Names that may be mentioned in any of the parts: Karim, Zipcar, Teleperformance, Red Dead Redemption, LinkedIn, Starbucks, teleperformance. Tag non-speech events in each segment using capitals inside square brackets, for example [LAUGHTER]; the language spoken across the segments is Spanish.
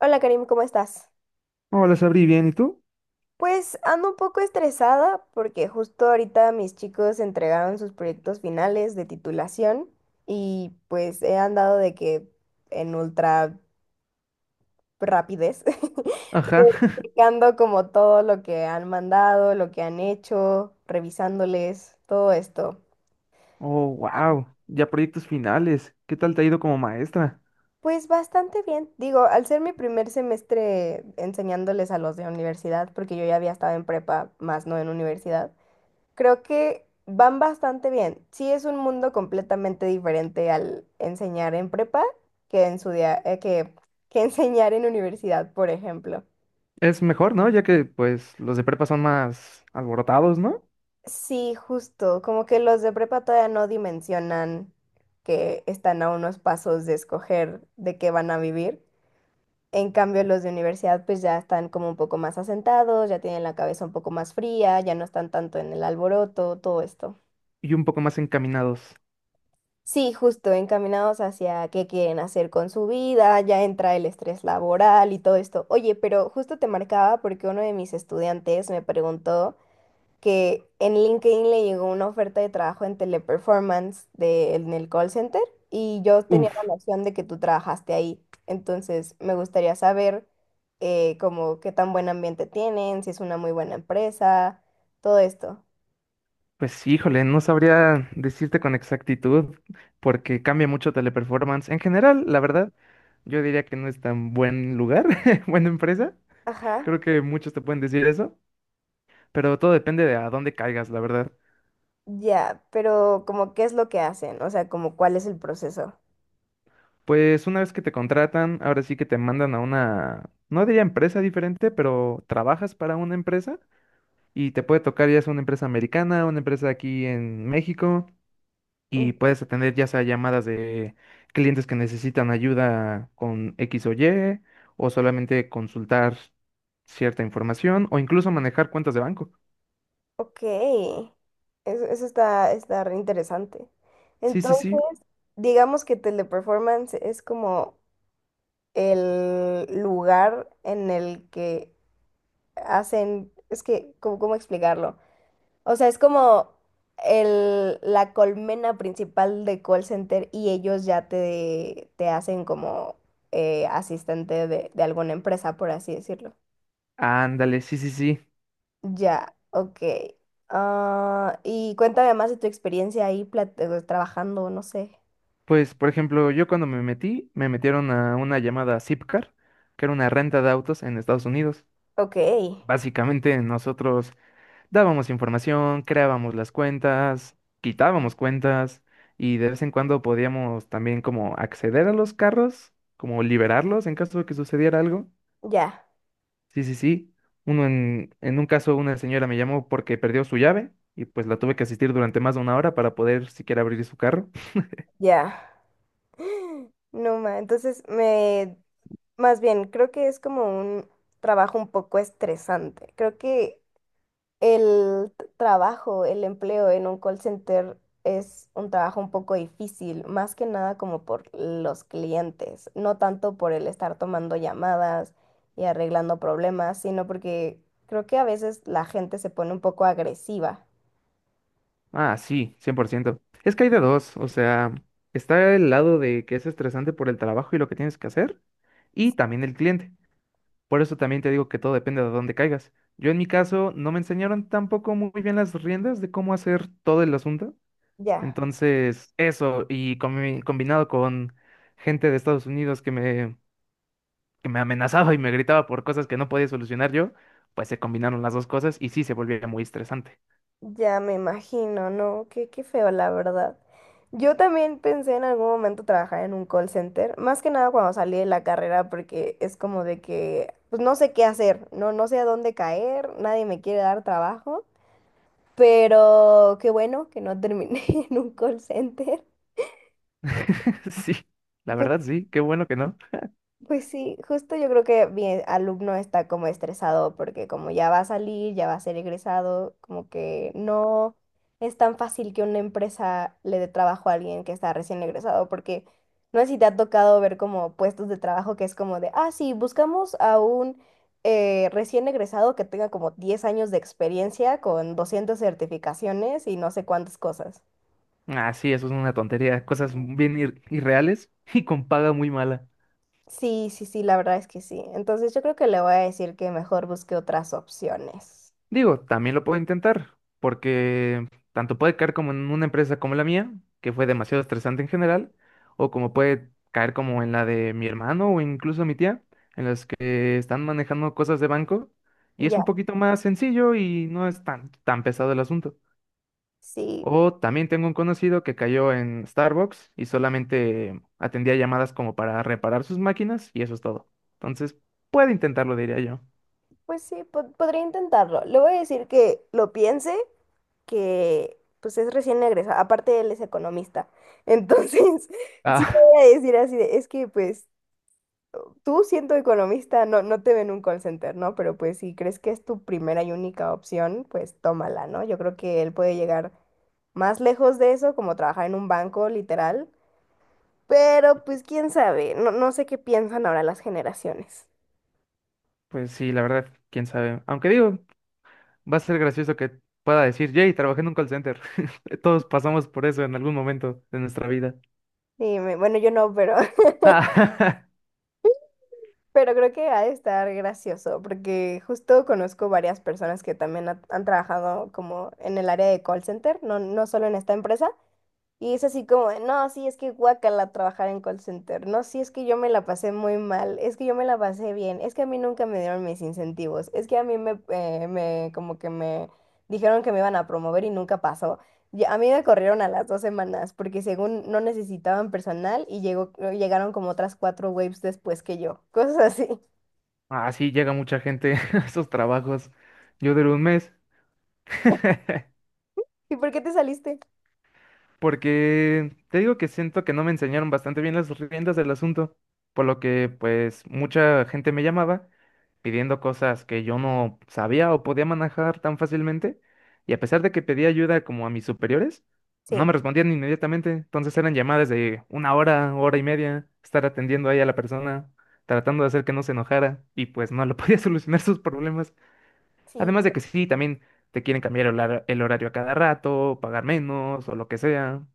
Hola Karim, ¿cómo estás? Hola, Sabri, bien, ¿y tú? Pues ando un poco estresada porque justo ahorita mis chicos entregaron sus proyectos finales de titulación y pues he andado de que en ultra rapidez, [LAUGHS] Ajá. eh, checando como todo lo que han mandado, lo que han hecho, revisándoles, todo esto. Oh, wow. Ya proyectos finales. ¿Qué tal te ha ido como maestra? Pues bastante bien. Digo, al ser mi primer semestre enseñándoles a los de universidad, porque yo ya había estado en prepa, más no en universidad. Creo que van bastante bien. Sí es un mundo completamente diferente al enseñar en prepa que en su día- que [LAUGHS] enseñar en universidad, por ejemplo. Es mejor, ¿no? Ya que pues los de prepa son más alborotados, ¿no? Sí, justo, como que los de prepa todavía no dimensionan que están a unos pasos de escoger de qué van a vivir. En cambio, los de universidad pues ya están como un poco más asentados, ya tienen la cabeza un poco más fría, ya no están tanto en el alboroto, todo esto. Y un poco más encaminados. Sí, justo, encaminados hacia qué quieren hacer con su vida, ya entra el estrés laboral y todo esto. Oye, pero justo te marcaba porque uno de mis estudiantes me preguntó que en LinkedIn le llegó una oferta de trabajo en Teleperformance en el call center y yo tenía Uf, la noción de que tú trabajaste ahí. Entonces, me gustaría saber como qué tan buen ambiente tienen, si es una muy buena empresa, todo esto. pues híjole, no sabría decirte con exactitud porque cambia mucho Teleperformance. En general, la verdad, yo diría que no es tan buen lugar, [LAUGHS] buena empresa. Ajá. Creo que muchos te pueden decir eso, pero todo depende de a dónde caigas, la verdad. Ya, pero como qué es lo que hacen, o sea, como cuál es el proceso. Pues una vez que te contratan, ahora sí que te mandan a una, no diría empresa diferente, pero trabajas para una empresa y te puede tocar ya sea una empresa americana, una empresa aquí en México Mm. y puedes atender ya sea llamadas de clientes que necesitan ayuda con X o Y o solamente consultar cierta información o incluso manejar cuentas de banco. Ok, eso está re interesante. Sí, sí, sí. Entonces, digamos que Teleperformance es como el lugar en el que hacen, es que, ¿cómo explicarlo? O sea, es como la colmena principal de call center y ellos ya te hacen como asistente de alguna empresa, por así decirlo. Ándale, sí, sí, sí. Ya, ok. Ah, y cuéntame más de tu experiencia ahí trabajando, no sé. Pues, por ejemplo, yo cuando me metí, me metieron a una llamada Zipcar, que era una renta de autos en Estados Unidos. Ok, Básicamente nosotros dábamos información, creábamos las cuentas, quitábamos cuentas y de vez en cuando podíamos también como acceder a los carros, como liberarlos en caso de que sucediera algo. ya, Sí, sí, sí. Uno en un caso una señora me llamó porque perdió su llave y pues la tuve que asistir durante más de 1 hora para poder siquiera abrir su carro. ya. No, ma, entonces me. Más bien, creo que es como un trabajo un poco estresante. Creo que el trabajo, el empleo en un call center es un trabajo un poco difícil, más que nada como por los clientes, no tanto por el estar tomando llamadas y arreglando problemas, sino porque creo que a veces la gente se pone un poco agresiva. Ah, sí, 100%. Es que hay de dos, o sea, está el lado de que es estresante por el trabajo y lo que tienes que hacer, y también el cliente. Por eso también te digo que todo depende de dónde caigas. Yo en mi caso no me enseñaron tampoco muy bien las riendas de cómo hacer todo el asunto. Ya. Entonces, eso, y combinado con gente de Estados Unidos que me amenazaba y me gritaba por cosas que no podía solucionar yo, pues se combinaron las dos cosas y sí se volvía muy estresante. Ya me imagino, ¿no? Qué feo, la verdad. Yo también pensé en algún momento trabajar en un call center, más que nada cuando salí de la carrera, porque es como de que, pues no sé qué hacer, no, no sé a dónde caer, nadie me quiere dar trabajo, pero qué bueno que no terminé [LAUGHS] en un call center. [LAUGHS] Sí, la verdad sí, qué bueno que no. Pues sí, justo yo creo que mi alumno está como estresado porque como ya va a salir, ya va a ser egresado, como que no es tan fácil que una empresa le dé trabajo a alguien que está recién egresado, porque no sé si te ha tocado ver como puestos de trabajo que es como de, ah, sí, buscamos a un recién egresado que tenga como 10 años de experiencia con 200 certificaciones y no sé cuántas cosas. Ah, sí, eso es una tontería. Cosas bien irreales [LAUGHS] y con paga muy mala. Sí, sí, sí, la verdad es que sí. Entonces yo creo que le voy a decir que mejor busque otras opciones. Digo, también lo puedo intentar, porque tanto puede caer como en una empresa como la mía, que fue demasiado estresante en general, o como puede caer como en la de mi hermano o incluso mi tía, en las que están manejando cosas de banco y es Ya, un poquito más sencillo y no es tan, tan pesado el asunto. sí, O también tengo un conocido que cayó en Starbucks y solamente atendía llamadas como para reparar sus máquinas y eso es todo. Entonces, puede intentarlo, diría yo. pues sí, podría intentarlo. Le voy a decir que lo piense, que pues es recién egresado, aparte él es economista. Entonces, [LAUGHS] sí le Ah, voy a decir así de, es que pues tú siendo economista no, no te ven un call center, ¿no? Pero pues si crees que es tu primera y única opción, pues tómala, ¿no? Yo creo que él puede llegar más lejos de eso, como trabajar en un banco, literal. Pero pues quién sabe, no, no sé qué piensan ahora las generaciones. [LAUGHS] pues sí, la verdad, quién sabe. Aunque digo, va a ser gracioso que pueda decir, Jay, trabajé en un call center. [LAUGHS] Todos pasamos por eso en algún momento de nuestra vida. Dime, bueno, yo no, pero. Ah, Pero creo que ha de estar gracioso, porque justo conozco varias personas que también han trabajado como en el área de call center, no, no solo en esta empresa, y es así como, de, no, sí, es que guácala trabajar en call center, no, sí, es que yo me la pasé muy mal, es que yo me la pasé bien, es que a mí nunca me dieron mis incentivos, es que a mí me, como que me dijeron que me iban a promover y nunca pasó. Y a mí me corrieron a las 2 semanas, porque según no necesitaban personal y llegaron como otras cuatro waves después que yo, [LAUGHS] cosas así. [LAUGHS] ah, sí, llega mucha gente [LAUGHS] a esos trabajos. Yo duré un mes. [LAUGHS] ¿Y por qué te saliste? Porque te digo que siento que no me enseñaron bastante bien las riendas del asunto, por lo que pues mucha gente me llamaba pidiendo cosas que yo no sabía o podía manejar tan fácilmente, y a pesar de que pedía ayuda como a mis superiores, Sí, no me respondían inmediatamente, entonces eran llamadas de una hora, hora y media, estar atendiendo ahí a la persona, tratando de hacer que no se enojara, y pues no lo [LAUGHS] podía solucionar sus problemas, sí. además de que sí, también te quieren cambiar el horario a cada rato, pagar menos o lo que sea.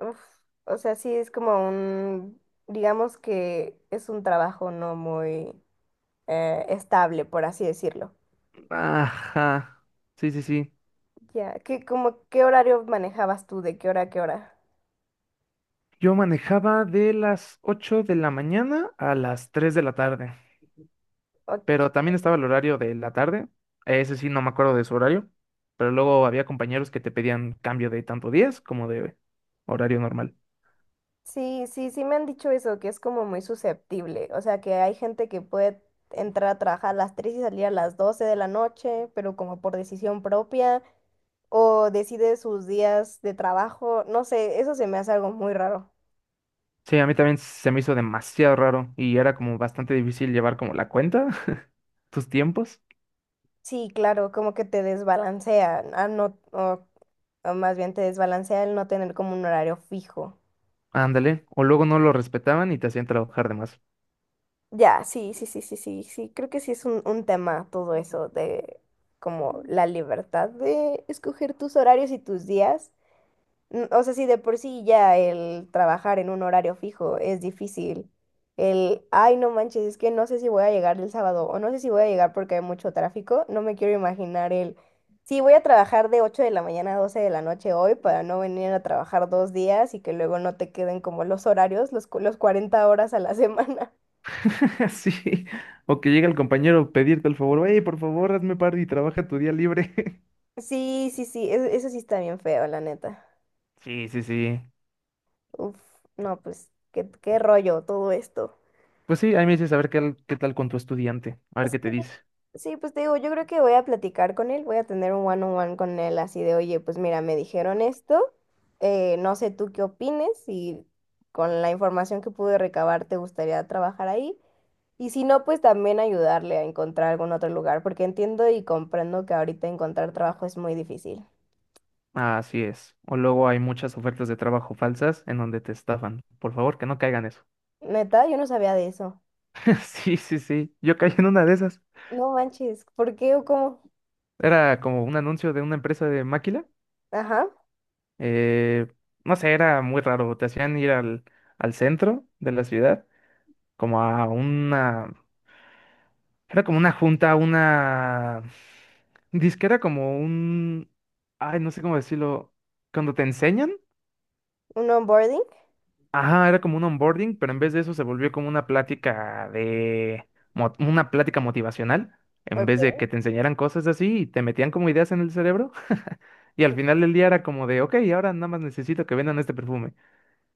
Uf, o sea, sí es como digamos que es un trabajo no muy estable, por así decirlo. Ajá. Sí, sí, sí. Ya, qué horario manejabas tú? ¿De qué hora a qué hora? Yo manejaba de las 8 de la mañana a las 3 de la tarde, O- pero también estaba el horario de la tarde. Ese sí, no me acuerdo de su horario, pero luego había compañeros que te pedían cambio de tanto días como de horario normal. sí, sí, sí me han dicho eso, que es como muy susceptible. O sea, que hay gente que puede entrar a trabajar a las 3 y salir a las 12 de la noche, pero como por decisión propia, o decide sus días de trabajo. No sé, eso se me hace algo muy raro. Sí, a mí también se me hizo demasiado raro y era como bastante difícil llevar como la cuenta, [LAUGHS] tus tiempos. Sí, claro, como que te desbalancea, a no, o más bien te desbalancea el no tener como un horario fijo. Ándale, o luego no lo respetaban y te hacían trabajar de más. Ya, sí, sí, sí, sí, sí, sí, creo que sí es un tema todo eso de como la libertad de escoger tus horarios y tus días. O sea, si de por sí ya el trabajar en un horario fijo es difícil. Ay, no manches, es que no sé si voy a llegar el sábado o no sé si voy a llegar porque hay mucho tráfico. No me quiero imaginar sí, voy a trabajar de 8 de la mañana a 12 de la noche hoy para no venir a trabajar dos días y que luego no te queden como los horarios, los 40 horas a la [LAUGHS] semana. [LAUGHS] Sí, o que llega el compañero a pedirte el favor, oye, por favor, hazme par y trabaja tu día libre. [LAUGHS] Sí, sí, sí, eso sí está bien feo, la neta. Sí, sí, sí. Uf, no, pues, qué rollo todo esto. Pues sí, ahí me dices a ver qué, qué tal con tu estudiante, a ver qué te dice. Sí, pues te digo, yo creo que voy a platicar con él, voy a tener un one-on-one con él así de, oye, pues mira, me dijeron esto, no sé tú qué opines, si con la información que pude recabar te gustaría trabajar ahí, y si no, pues también ayudarle a encontrar algún otro lugar, porque entiendo y comprendo que ahorita encontrar trabajo es muy difícil. Así es. O luego hay muchas ofertas de trabajo falsas en donde te estafan. Por favor, que no caigan eso. Neta, yo no sabía de eso. [LAUGHS] Sí, sí, sí. Yo caí en una de esas. No manches, ¿por qué o cómo? Era como un anuncio de una empresa de máquina. Ajá, Eh, no sé, era muy raro. Te hacían ir al centro de la ciudad, como a una. Era como una junta, una. Disque era como un. Ay, no sé cómo decirlo. Cuando te enseñan. un onboarding. Ajá, era como un onboarding, pero en vez de eso se volvió como una plática de. Una plática motivacional. En vez de Ok. que te enseñaran cosas así y te metían como ideas en el cerebro. Y al final del día era como de, ok, ahora nada más necesito que vendan este perfume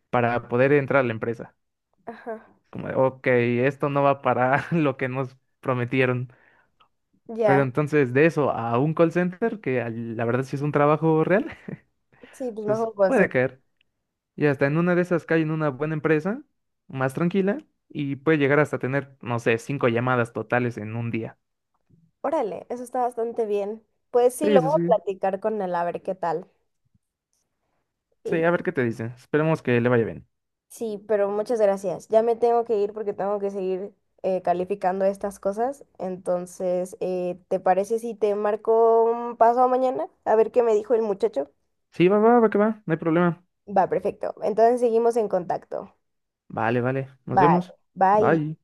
para poder entrar a la empresa. Ajá, Como de, ok, esto no va para [LAUGHS] lo que nos prometieron. Pero ya. entonces, de eso a un call center, que la verdad sí es un trabajo real, [LAUGHS] Sí, pues pues mejor. puede caer. Y hasta en una de esas cae en una buena empresa, más tranquila, y puede llegar hasta tener, no sé, 5 llamadas totales en un día. Órale, eso está bastante bien. Pues sí, Sí, lo voy sí, a sí. platicar con él a ver qué tal. Y Sí, a ver qué te dicen. Esperemos que le vaya bien. sí, pero muchas gracias. Ya me tengo que ir porque tengo que seguir calificando estas cosas. Entonces, ¿te parece si te marco un paso mañana? A ver qué me dijo el muchacho. Sí, va, va, va, que va, no hay problema. Va, perfecto. Entonces seguimos en contacto. Vale, vale. Nos Vale, vemos. bye. Bye.